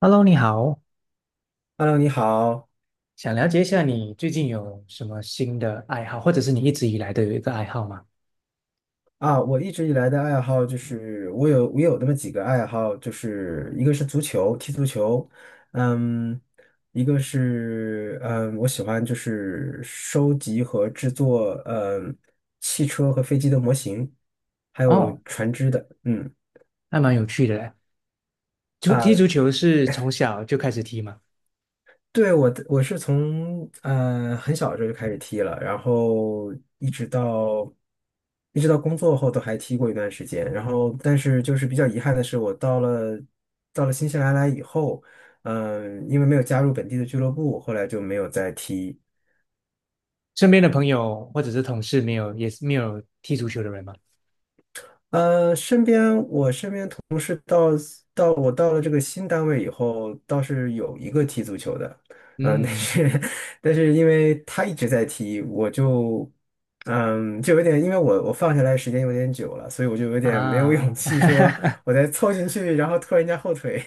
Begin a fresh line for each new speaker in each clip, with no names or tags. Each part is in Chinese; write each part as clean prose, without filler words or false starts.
Hello，你好，
Hello，你好
想了解一下你最近有什么新的爱好，或者是你一直以来都有一个爱好吗？
啊！我一直以来的爱好就是我有那么几个爱好，就是一个是足球，踢足球，嗯，一个是我喜欢就是收集和制作汽车和飞机的模型，还有
哦，
船只的，嗯。
还蛮有趣的嘞。踢足
啊。
球是从小就开始踢吗？
对，我是从很小的时候就开始踢了，然后一直到一直到工作后都还踢过一段时间。然后，但是就是比较遗憾的是，我到了新西兰来以后，因为没有加入本地的俱乐部，后来就没有再踢。
身边的朋友或者是同事没有，也是没有踢足球的人吗？
我身边同事到我到了这个新单位以后，倒是有一个踢足球的，但
嗯
是 但是因为他一直在踢，我就就有点，因为我放下来时间有点久了，所以我就有点没有勇
啊，
气说 我再凑进去，然后拖人家后腿。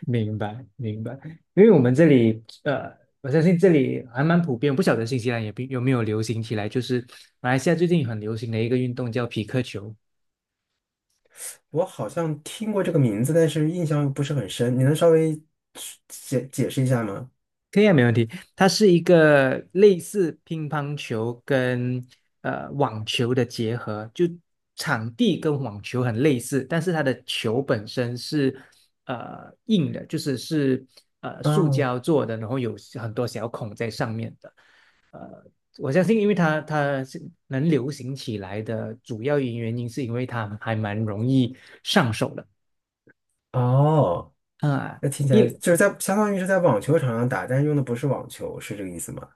明白明白。因为我们这里，我相信这里还蛮普遍，不晓得新西兰也比有没有流行起来，就是马来西亚最近很流行的一个运动叫匹克球。
我好像听过这个名字，但是印象不是很深，你能稍微解释一下吗？
可以啊，没问题。它是一个类似乒乓球跟网球的结合，就场地跟网球很类似，但是它的球本身是硬的，就是是塑
哦
胶做的，然后有很多小孔在上面的。我相信，因为它是能流行起来的主要原因，是因为它还蛮容易上手的
哦。
啊。
那听起来
一
就是在相当于是在网球场上打，但是用的不是网球，是这个意思吗？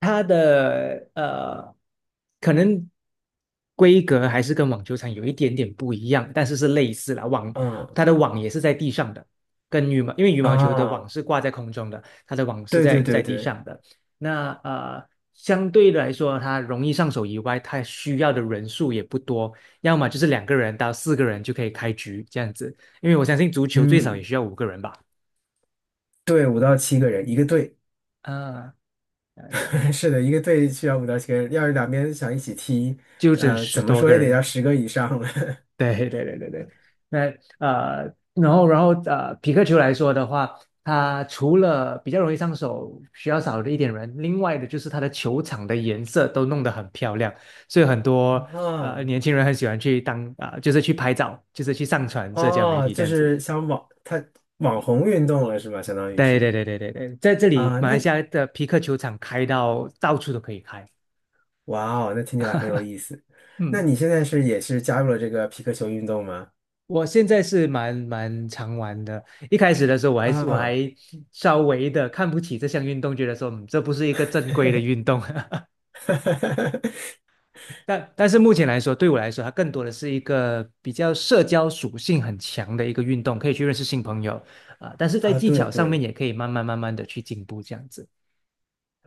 它的，可能规格还是跟网球场有一点点不一样，但是是类似啦。
嗯
它的网也是在地上的，跟羽毛因为羽毛球的网
啊，
是挂在空中的，它的网是
对
在
对对
在地
对，
上的。那，相对来说，它容易上手以外，它需要的人数也不多，要么就是两个人到四个人就可以开局这样子。因为我相信足球最少也
嗯，
需要五个人吧。
对，五到七个人一个队，
啊，了解，
是的，一个队需要五到七个人，要是两边想一起踢，
就整
怎
十
么
多
说
个
也得要
人。
10个以上了。
对对对对对，那，然后，匹克球来说的话，它除了比较容易上手，需要少了一点人，另外的就是它的球场的颜色都弄得很漂亮，所以很多
啊，
年轻人很喜欢去就是去拍照，就是去上传社交媒
哦，
体这
就
样子。
是它网红运动了是吧？相当于
对对
是
对对对对，在这里
啊，
马
那
来西亚的匹克球场开到到处都可以开，
哇哦，那听起来很有意思。那你现在是也是加入了这个皮克球运动吗？
我现在是蛮常玩的。一开始的时候，我还是我
啊，
还稍微的看不起这项运动，觉得说，嗯这不是一个正规的运动。但但是目前来说，对我来说，它更多的是一个比较社交属性很强的一个运动，可以去认识新朋友啊、但是在
啊，
技
对
巧上面，
对，
也可以慢慢慢慢的去进步，这样子。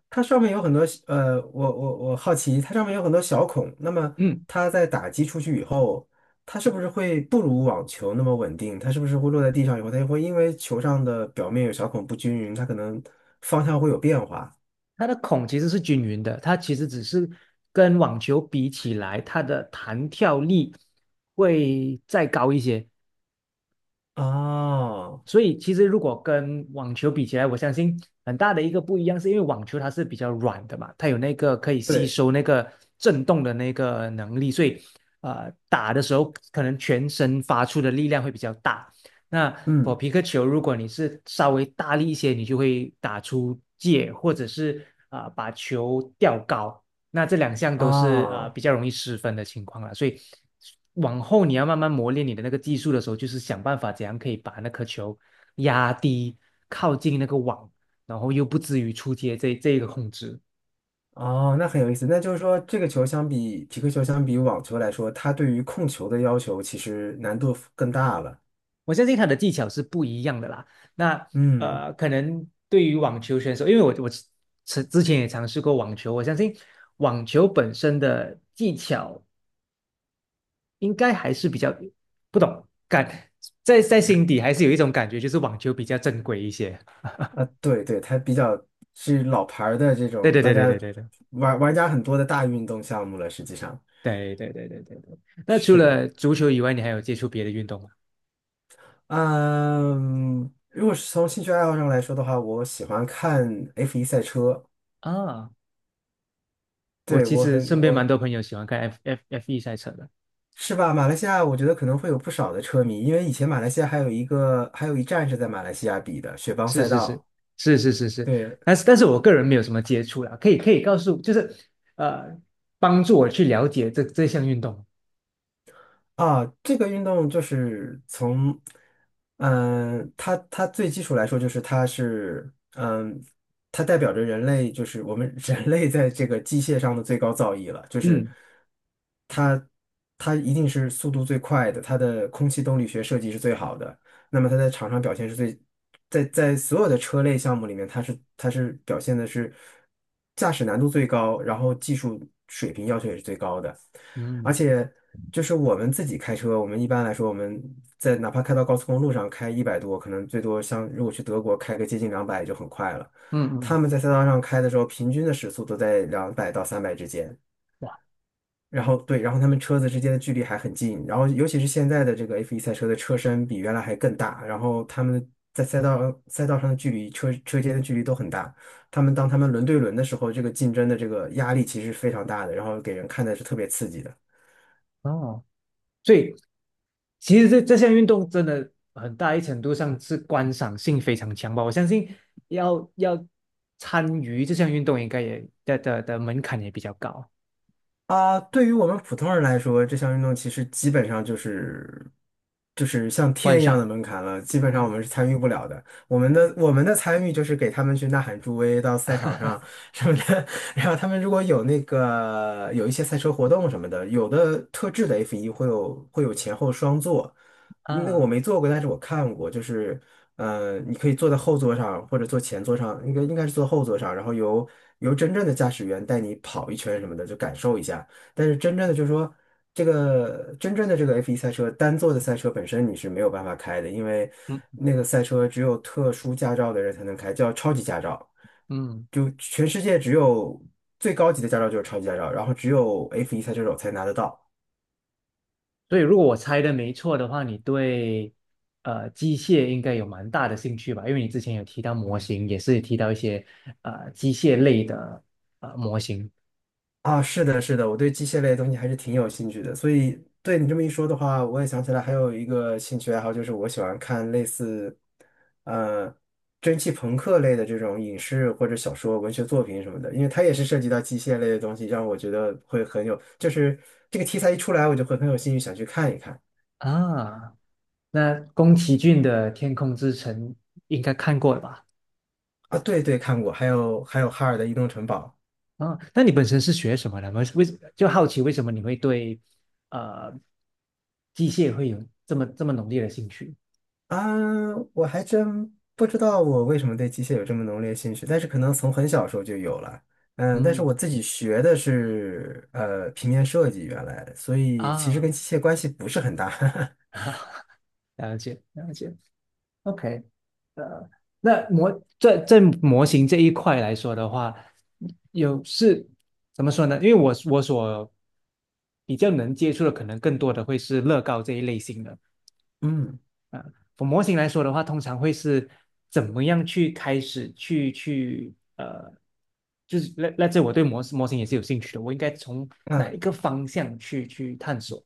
它上面有很多呃，我好奇，它上面有很多小孔，那么
嗯，
它在打击出去以后，它是不是会不如网球那么稳定？它是不是会落在地上以后，它会因为球上的表面有小孔不均匀，它可能方向会有变化？
它的孔其实是均匀的，它其实只是跟网球比起来，它的弹跳力会再高一些。
哦，
所以其实如果跟网球比起来，我相信很大的一个不一样，是因为网球它是比较软的嘛，它有那个可以吸
对，
收那个震动的那个能力，所以打的时候可能全身发出的力量会比较大。那否
嗯，
皮克球，如果你是稍微大力一些，你就会打出界，或者是啊、把球吊高。那这两项都是啊、
哦，
比较容易失分的情况了，所以往后你要慢慢磨练你的那个技术的时候，就是想办法怎样可以把那颗球压低，靠近那个网，然后又不至于出界这一个控制。
哦，那很有意思。那就是说，这个球相比匹克球相比网球来说，它对于控球的要求其实难度更大了。
我相信他的技巧是不一样的啦。那，
嗯。
可能对于网球选手，因为我之前也尝试过网球，我相信网球本身的技巧应该还是比较不懂感，在心底还是有一种感觉，就是网球比较正规一些。
啊，对对，它比较是老牌儿的这
对
种，
对
大
对对
家
对对
玩家很多的大运动项目了，实际上
对对对对对对对。那除
是，
了足球以外，你还有接触别的运动吗？
嗯，如果是从兴趣爱好上来说的话，我喜欢看 F1 赛车，
啊，我
对，
其
我
实
很
身边蛮
我
多朋友喜欢看 F 一赛车的。
是吧？马来西亚我觉得可能会有不少的车迷，因为以前马来西亚还有一站是在马来西亚比的雪邦
是
赛
是是
道，
是是是是，
对。
但是我个人没有什么接触啦，可以告诉，就是呃，帮助我去了解这项运动。
啊，这个运动就是从，它最基础来说就是它是，它代表着人类，就是我们 人类在这个机械上的最高造诣了，就是
嗯
它它一定是速度最快的，它的空气动力学设计是最好的，那么它在场上表现是最，在所有的车类项目里面，它是表现的是驾驶难度最高，然后技术水平要求也是最高的。而
嗯
且就是我们自己开车，我们一般来说，我们在哪怕开到高速公路上开100多，可能最多像如果去德国开个接近两百就很快了。
嗯嗯，
他们在赛道上开的时候，平均的时速都在200到300之间。
哇
然后对，然后他们车子之间的距离还很近。然后尤其是现在的这个 F1 赛车的车身比原来还更大，然后他们在赛道上的距离，车车间的距离都很大。当他们轮对轮的时候，这个竞争的这个压力其实是非常大的，然后给人看的是特别刺激的。
哦。所以其实这项运动真的很大一程度上是观赏性非常强吧。我相信要参与这项运动，应该也的门槛也比较高。
啊，对于我们普通人来说，这项运动其实基本上就是像
观
天一样的
赏，
门槛了，基本上我
嗯，
们是参与不了的。
对
我们的参与就是给他们去呐喊助威，到赛场上什么的。然后他们如果有那个有一些赛车活动什么的，有的特制的 f 一会有前后双座，那个我
啊，
没坐过，但是我看过，就是，你可以坐在后座上或者坐前座上，应该是坐后座上，然后由真正的驾驶员带你跑一圈什么的，就感受一下。但是真正的就是说，这个真正的这个 F1 赛车单座的赛车本身你是没有办法开的，因为
嗯，
那个赛车只有特殊驾照的人才能开，叫超级驾照。
嗯，
就全世界只有最高级的驾照就是超级驾照，然后只有 F1 赛车手才拿得到。
所以如果我猜的没错的话，你对机械应该有蛮大的兴趣吧？因为你之前有提到模型，也是提到一些机械类的模型
啊，是的，是的，我对机械类的东西还是挺有兴趣的，所以对你这么一说的话，我也想起来还有一个兴趣爱好，就是我喜欢看类似，呃，蒸汽朋克类的这种影视或者小说、文学作品什么的，因为它也是涉及到机械类的东西，让我觉得会很有，就是这个题材一出来，我就会很有兴趣想去看一看。
啊。那宫崎骏的《天空之城》应该看过了吧？
啊，对对，看过，还有哈尔的移动城堡。
啊、那你本身是学什么的？就好奇为什么你会对呃机械会有这么浓烈的兴趣？
啊，我还真不知道我为什么对机械有这么浓烈兴趣，但是可能从很小时候就有了。嗯，但是我
嗯
自己学的是平面设计，原来，所以其实跟
啊，
机械关系不是很大。
了解了解。OK，那模在在模型这一块来说的话，有是怎么说呢？因为我所比较能接触的，可能更多的会是乐高这一类型的。
嗯，
啊，从模型来说的话，通常会是怎么样去开始去去呃，就是这我对模型也是有兴趣的，我应该从哪
嗯。
一个方向去去探索？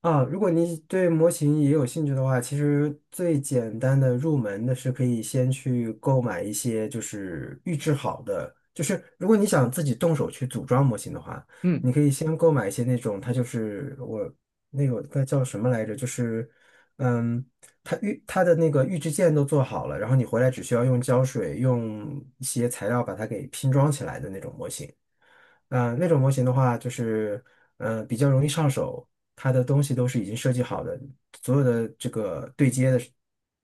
啊，如果你对模型也有兴趣的话，其实最简单的入门的是可以先去购买一些就是预制好的，就是如果你想自己动手去组装模型的话，
嗯，
你可以先购买一些那种，它就是我那个它叫什么来着，就是嗯，它的那个预制件都做好了，然后你回来只需要用胶水用一些材料把它给拼装起来的那种模型。那种模型的话，就是比较容易上手，它的东西都是已经设计好的，所有的这个对接的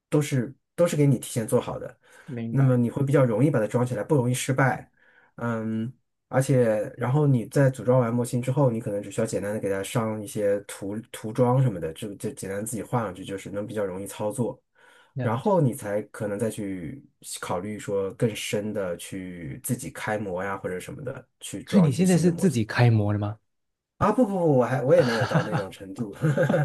都是给你提前做好的，
明
那么
白，
你会比较容易把它装起来，不容易失败。嗯，而且然后你在组装完模型之后，你可能只需要简单的给它上一些涂装什么的，就简单自己画上去，就是能比较容易操作。然
了解。
后你才可能再去考虑说更深的去自己开模呀或者什么的，去
所以
装
你
一些
现在
新
是
的模
自
型。
己开模的吗？
啊，不不不，我也没有到那种 程度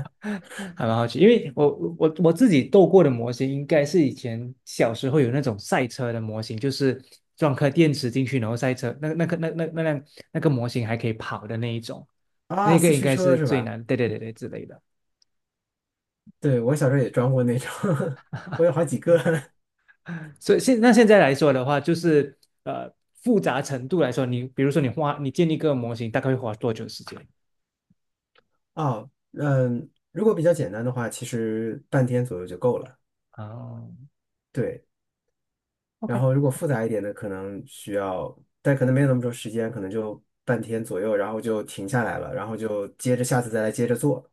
还蛮好奇，因为我我自己斗过的模型，应该是以前小时候有那种赛车的模型，就是装颗电池进去，然后赛车，那辆那个模型还可以跑的那一种，
啊，
那个
四
应
驱
该
车
是
是
最
吧？
难，对对对对之类的。
对，我小时候也装过那种，我有好几个
所以现在来说的话，就是呃复杂程度来说，你比如说你花你建立一个模型，大概会花多久时间？
哦，嗯，如果比较简单的话，其实半天左右就够了。
哦
对，然
，OK，
后如果复杂一点的，可能需要，但可能没有那么多时间，可能就半天左右，然后就停下来了，然后就接着下次再来接着做。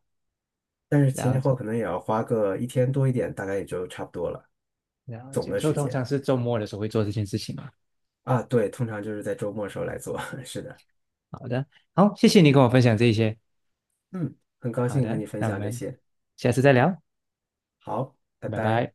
但是前
了
前后后
解
可能也要花个一天多一点，大概也就差不多了，
了
总
解，
的
所以
时
通
间
常是周末的时候会做这件事情嘛。
啊。对，通常就是在周末时候来做。是的，
好的，好，谢谢你跟我分享这一些。
嗯，很高
好
兴和
的，
你分
那我
享这
们
些。
下次再聊，
好，拜
拜
拜。
拜。